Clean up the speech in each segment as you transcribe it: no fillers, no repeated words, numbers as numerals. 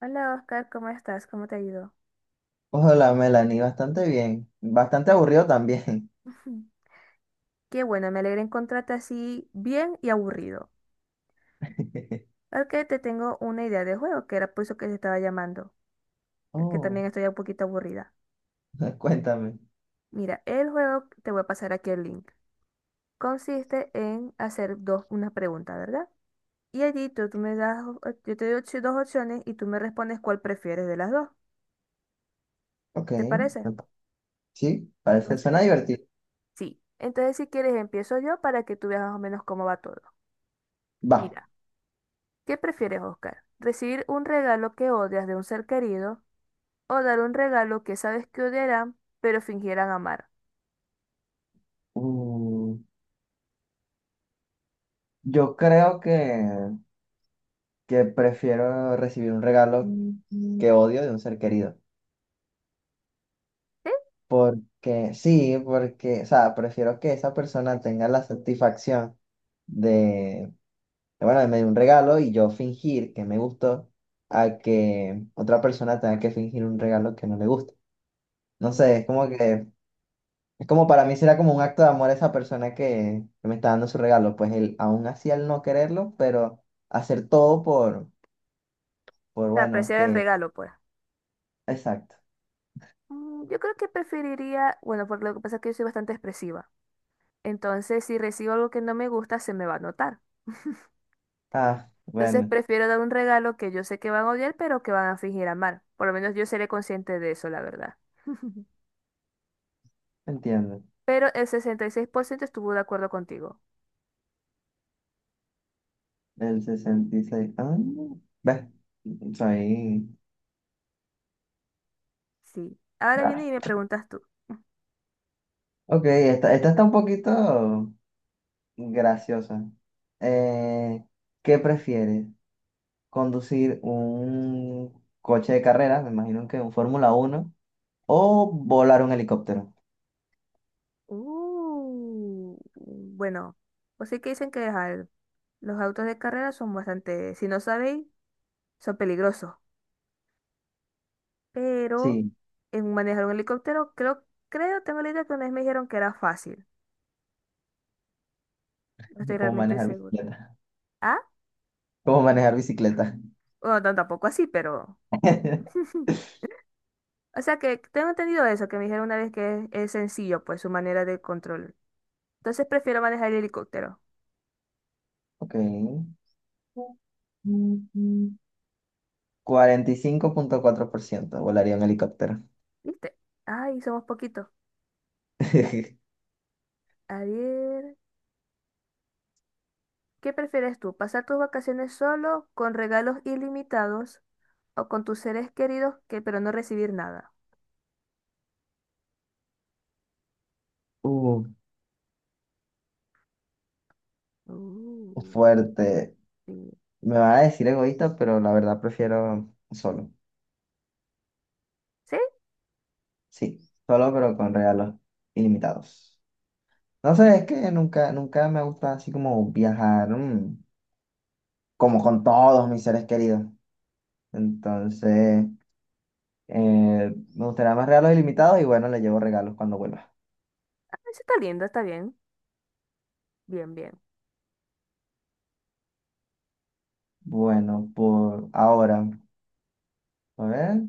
Hola Oscar, ¿cómo estás? ¿Cómo te ha ido? Hola, Melanie, bastante bien. Bastante aburrido también. Qué bueno, me alegra encontrarte así bien y aburrido. Ok, te tengo una idea de juego, que era por eso que te estaba llamando, que Oh, también estoy un poquito aburrida. cuéntame. Mira, el juego, te voy a pasar aquí el link, consiste en hacer dos, una pregunta, ¿verdad? Y allí tú me das, o- yo te doy opci- dos opciones y tú me respondes cuál prefieres de las dos, Ok. ¿te parece? me pa- Sí, parece, suena Entonces, divertido. sí. Entonces, si quieres, empiezo yo para que tú veas más o menos cómo va todo. Va. Mira. ¿Qué prefieres, Oscar? ¿Recibir un regalo que odias de un ser querido o dar un regalo que sabes que odiarán, pero fingirán amar? Mm, yo creo que prefiero recibir un regalo Mm. que odio de un ser querido. ¿Sí? Porque, sí, porque, o sea, prefiero que esa persona tenga la satisfacción de, de, bueno, de me dio un regalo y yo fingir que me gustó a que otra persona tenga que fingir un regalo que no le gusta. No Mm, sé, es como que, es como para mí será como un acto de amor a esa persona que me está dando su regalo, pues él, aún así al no quererlo, pero hacer todo por o sea, bueno, apreciar el que. regalo, pues. Exacto. Mm, yo creo que preferiría, bueno, porque lo que pasa es que yo soy bastante expresiva. Entonces, si recibo algo que no me gusta, se me va a notar. Ah, Entonces, bueno, prefiero dar un regalo que yo sé que van a odiar, pero que van a fingir amar. Por lo menos yo seré consciente de eso, la verdad. entiendo. Pero el 66% estuvo de acuerdo contigo. El 66 ah, ves, soy Sí. Ahora rara. viene y me preguntas tú. Ok, esta está un poquito graciosa. Eh, ¿Qué prefieres? ¿Conducir un coche de carrera? Me imagino que un Fórmula uno. ¿O volar un helicóptero? Bueno, pues sí que dicen que ajá, los autos de carrera son bastante, si no sabéis, son peligrosos. Pero Sí, en manejar un helicóptero, creo, tengo la idea que una vez me dijeron que era fácil. No estoy es como realmente manejar seguro. bicicleta. Ah, Como manejar bicicleta. bueno, tan- tampoco así, pero... O sea que tengo entendido eso, que me dijeron una vez que es sencillo, pues su manera de control. Entonces prefiero manejar el helicóptero. Ok. 45.4% volaría un helicóptero. ¿Viste? Ay, somos poquitos. A ver. ¿Qué prefieres tú? ¿Pasar tus vacaciones solo, con regalos ilimitados o con tus seres queridos que pero no recibir nada? Uh, Uh, fuerte. sí. Me van a decir egoísta, pero la verdad prefiero solo. ¿Sí? Sí, solo pero con regalos ilimitados. No sé, es que nunca, nunca me gusta así como viajar, como con todos mis seres queridos. Entonces, Eh, me gustaría más regalos ilimitados y bueno, le llevo regalos cuando vuelva. Ah, eso está lindo, está bien. Bien, bien. Bueno, por ahora, a ver.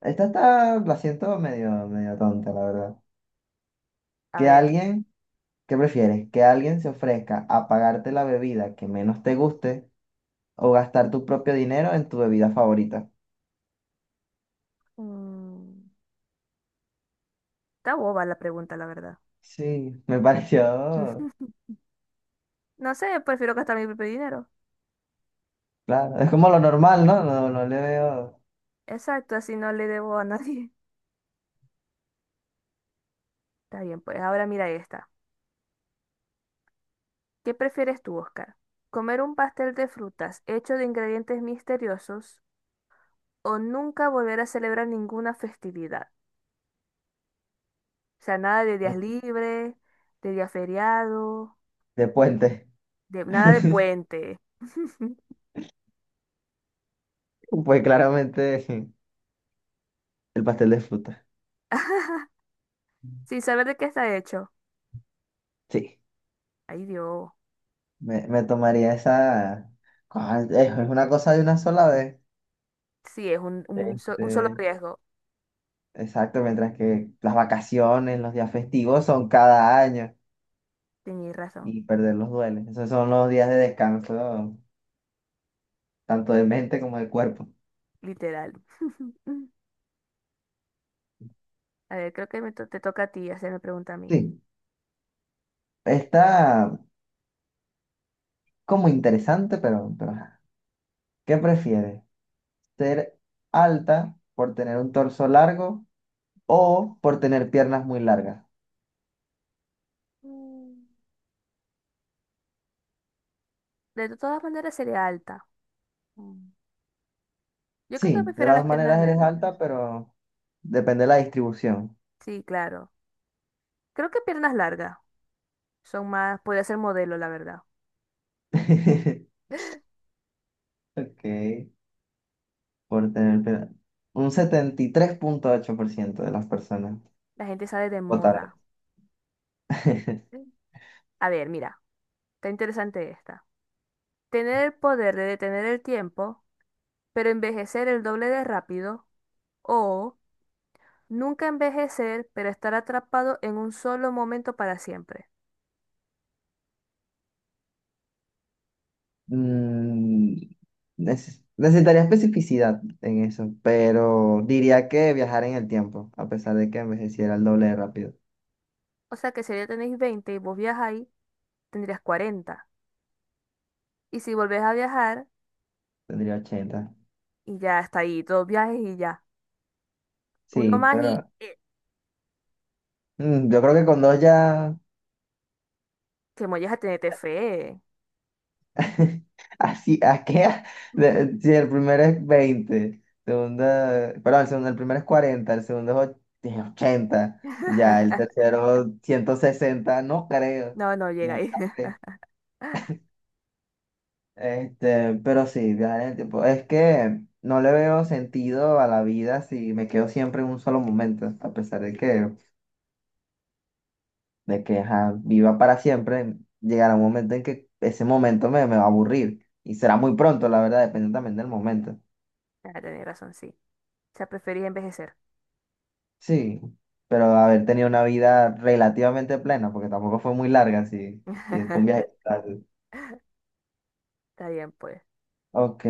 Esta está, la siento medio, medio tonta, la verdad. A Que ver. alguien, ¿Qué prefieres? Que alguien se ofrezca a pagarte la bebida que menos te guste o gastar tu propio dinero en tu bebida favorita. Mm, está boba la pregunta, la verdad. Sí, me pareció, No sé, prefiero gastar mi propio dinero. claro, es como lo normal, ¿no? No, no le veo. Exacto, así no le debo a nadie. Está bien, pues ahora mira esta. ¿Qué prefieres tú, Oscar? ¿Comer un pastel de frutas hecho de ingredientes misteriosos o nunca volver a celebrar ninguna festividad? O sea, nada de días libres, de día feriado, De puente. de, nada de puente. Pues claramente el pastel de fruta. Sin saber de qué está hecho. Sí. Ay, Dios. Me tomaría esa. ¿Cuál? Es una cosa de una sola vez. Sí, es un solo Este, riesgo. exacto, mientras que las vacaciones, los días festivos son cada año Tenías razón, y perderlos duele. Esos son los días de descanso, tanto de mente como de cuerpo. literal. A ver, creo que me to- te toca a ti hacerme pregunta a mí. Sí, está como interesante, pero ajá. ¿Qué prefieres? ¿Ser alta por tener un torso largo o por tener piernas muy largas? Mm. De todas maneras sería alta. Mm. Yo creo que Sí, de prefiero las las dos piernas maneras eres largas. alta, pero depende de la distribución. Sí, claro. Creo que piernas largas son más, puede ser modelo, la verdad. Ok, por tener pena. Un 73.8% de las personas La gente sale de votaron. moda. Mm. A ver, mira. Está interesante esta. Tener el poder de detener el tiempo, pero envejecer el doble de rápido. O nunca envejecer, pero estar atrapado en un solo momento para siempre. Mm, necesitaría especificidad en eso, pero diría que viajar en el tiempo, a pesar de que envejeciera el doble de rápido. O sea que si ya tenéis 20 y vos viajáis, tendrías 40. Y si volvés a viajar, Tendría 80. y ya está ahí, dos viajes y ya. Uno Sí, más y pero yo creo que con dos ya. que molles a tenerte fe. Así, ¿a qué? Si el primero es 20, segunda, perdón, el segundo, el primero es 40, el segundo es 80, ya, el tercero 160, no creo, No, no llega ahí. muchas veces. Este, pero sí, viajar en el tiempo. Es que no le veo sentido a la vida si me quedo siempre en un solo momento, a pesar de que, ajá, viva para siempre, llegará un momento en que ese momento me va a aburrir. Y será muy pronto, la verdad, depende también del momento. Ah, tenéis razón, sí. O sea, preferís envejecer. Sí, pero haber tenido una vida relativamente plena, porque tampoco fue muy larga, sí, sí, es con viaje tal. Está bien, pues. Ok,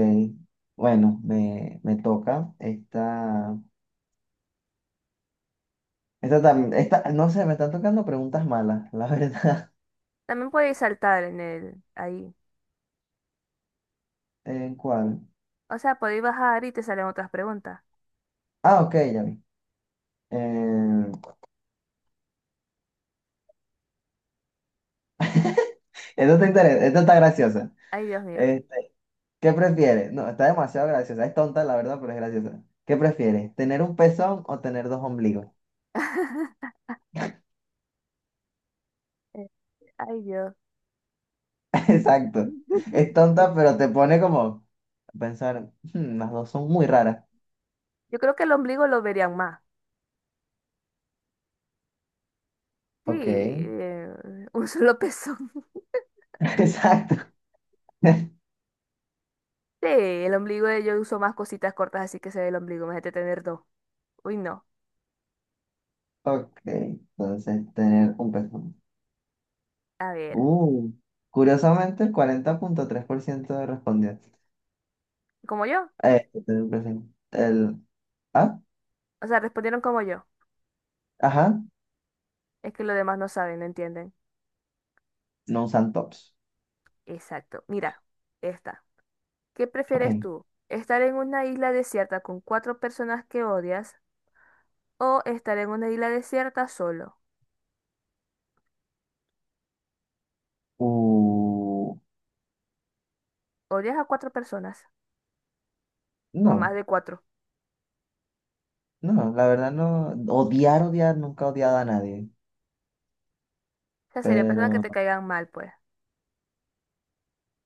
bueno, me toca. Esta, no sé, me están tocando preguntas malas, la verdad. También podéis saltar en el ahí. ¿En ¿cuál? O sea, podéis bajar y te salen otras preguntas. Ah, ok, ya vi. Eh, esto está graciosa. Ay, Dios mío. Este, ¿qué prefieres? No, está demasiado graciosa. Es tonta, la verdad, pero es graciosa. ¿Qué prefieres? ¿Tener un pezón o tener dos ombligos? Eh, Ay, Dios. Exacto. Es tonta, pero te pone como a pensar, "Hmm, las dos son muy raras." Yo creo que el ombligo lo verían más. Sí, Ok. Un solo pezón. Exacto. Sí, el ombligo yo uso más cositas cortas, así que se ve el ombligo. Imagínate tener dos. Uy, no. Ok. Entonces, tener un pezón. A ver, Uh, curiosamente, el 40.3% respondió. ¿como yo? Tener un pezón. Ah, O sea, respondieron como yo. ajá, Es que los demás no saben, no entienden. no usan tops. Exacto. Mira, esta. ¿Qué Ok. prefieres tú? ¿Estar en una isla desierta con cuatro personas que odias o estar en una isla desierta solo? Uh, Odias a cuatro personas o a no, más de cuatro. no, la verdad no. Odiar, odiar, nunca he odiado a nadie, O sea, serían personas que te pero caigan mal, pues.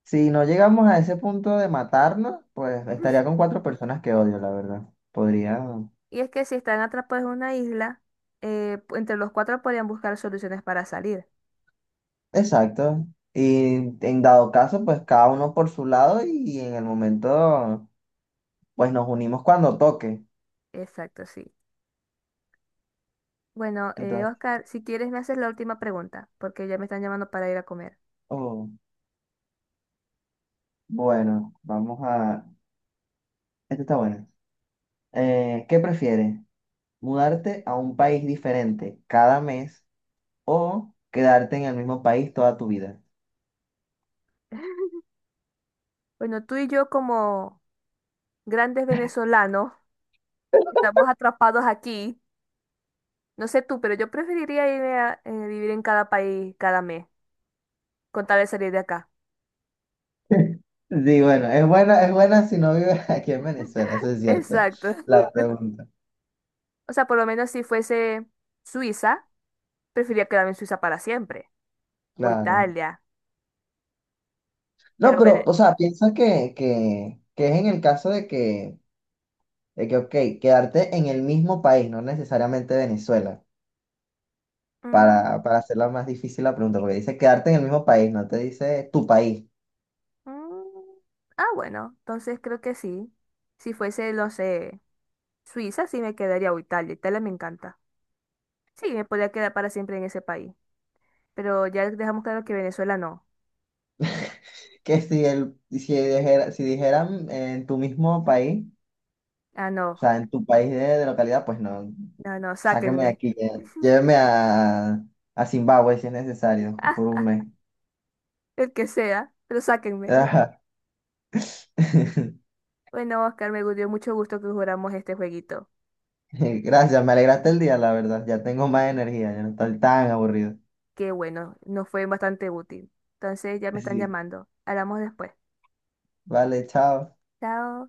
si no llegamos a ese punto de matarnos, pues estaría con cuatro personas que odio, la verdad. Podría. Y es que si están atrapados en una isla, pu- entre los cuatro podrían buscar soluciones para salir. Exacto. Y en dado caso, pues cada uno por su lado y en el momento, pues nos unimos cuando toque. Exacto, sí. Bueno, Entonces, Oscar, si quieres me haces la última pregunta, porque ya me están llamando para ir a comer. oh, bueno, vamos a. Esta está buena. ¿Qué prefieres? ¿Mudarte a un país diferente cada mes o quedarte en el mismo país toda tu vida? Bueno, tú y yo como grandes venezolanos, estamos atrapados aquí. No sé tú, pero yo preferiría irme a vivir en cada país cada mes, con tal de salir de acá. Sí, bueno, es buena si no vives aquí en Venezuela, eso es cierto. Exacto. La pregunta, O sea, por lo menos si fuese Suiza, prefería quedarme en Suiza para siempre, o claro. Italia, No, pero... pero, Vene- o sea, piensa que es en el caso de que, ok, quedarte en el mismo país, no necesariamente Venezuela, Mm, para hacerla más difícil la pregunta, porque dice quedarte en el mismo país, no te dice tu país. mm. Ah, bueno, entonces creo que sí. Si fuese, no sé, Suiza, sí me quedaría o Italia. Italia me encanta. Sí, me podría quedar para siempre en ese país. Pero ya dejamos claro que Venezuela no. Que si dijera, si dijeran en tu mismo país, Ah, no, o sea, en tu país de localidad, pues no. no, no, Sáqueme de sáquenme. aquí, lléveme a Zimbabue si es necesario, por un Ah, mes. el que sea, pero sáquenme. Ajá. Bueno, Oscar, me dio mucho gusto que jugáramos este jueguito. Gracias, me alegraste el día, la verdad. Ya tengo más energía, ya no estoy tan aburrido. Qué bueno, nos fue bastante útil. Entonces ya me están Sí. llamando. Hablamos después. Vale, chao. Chao.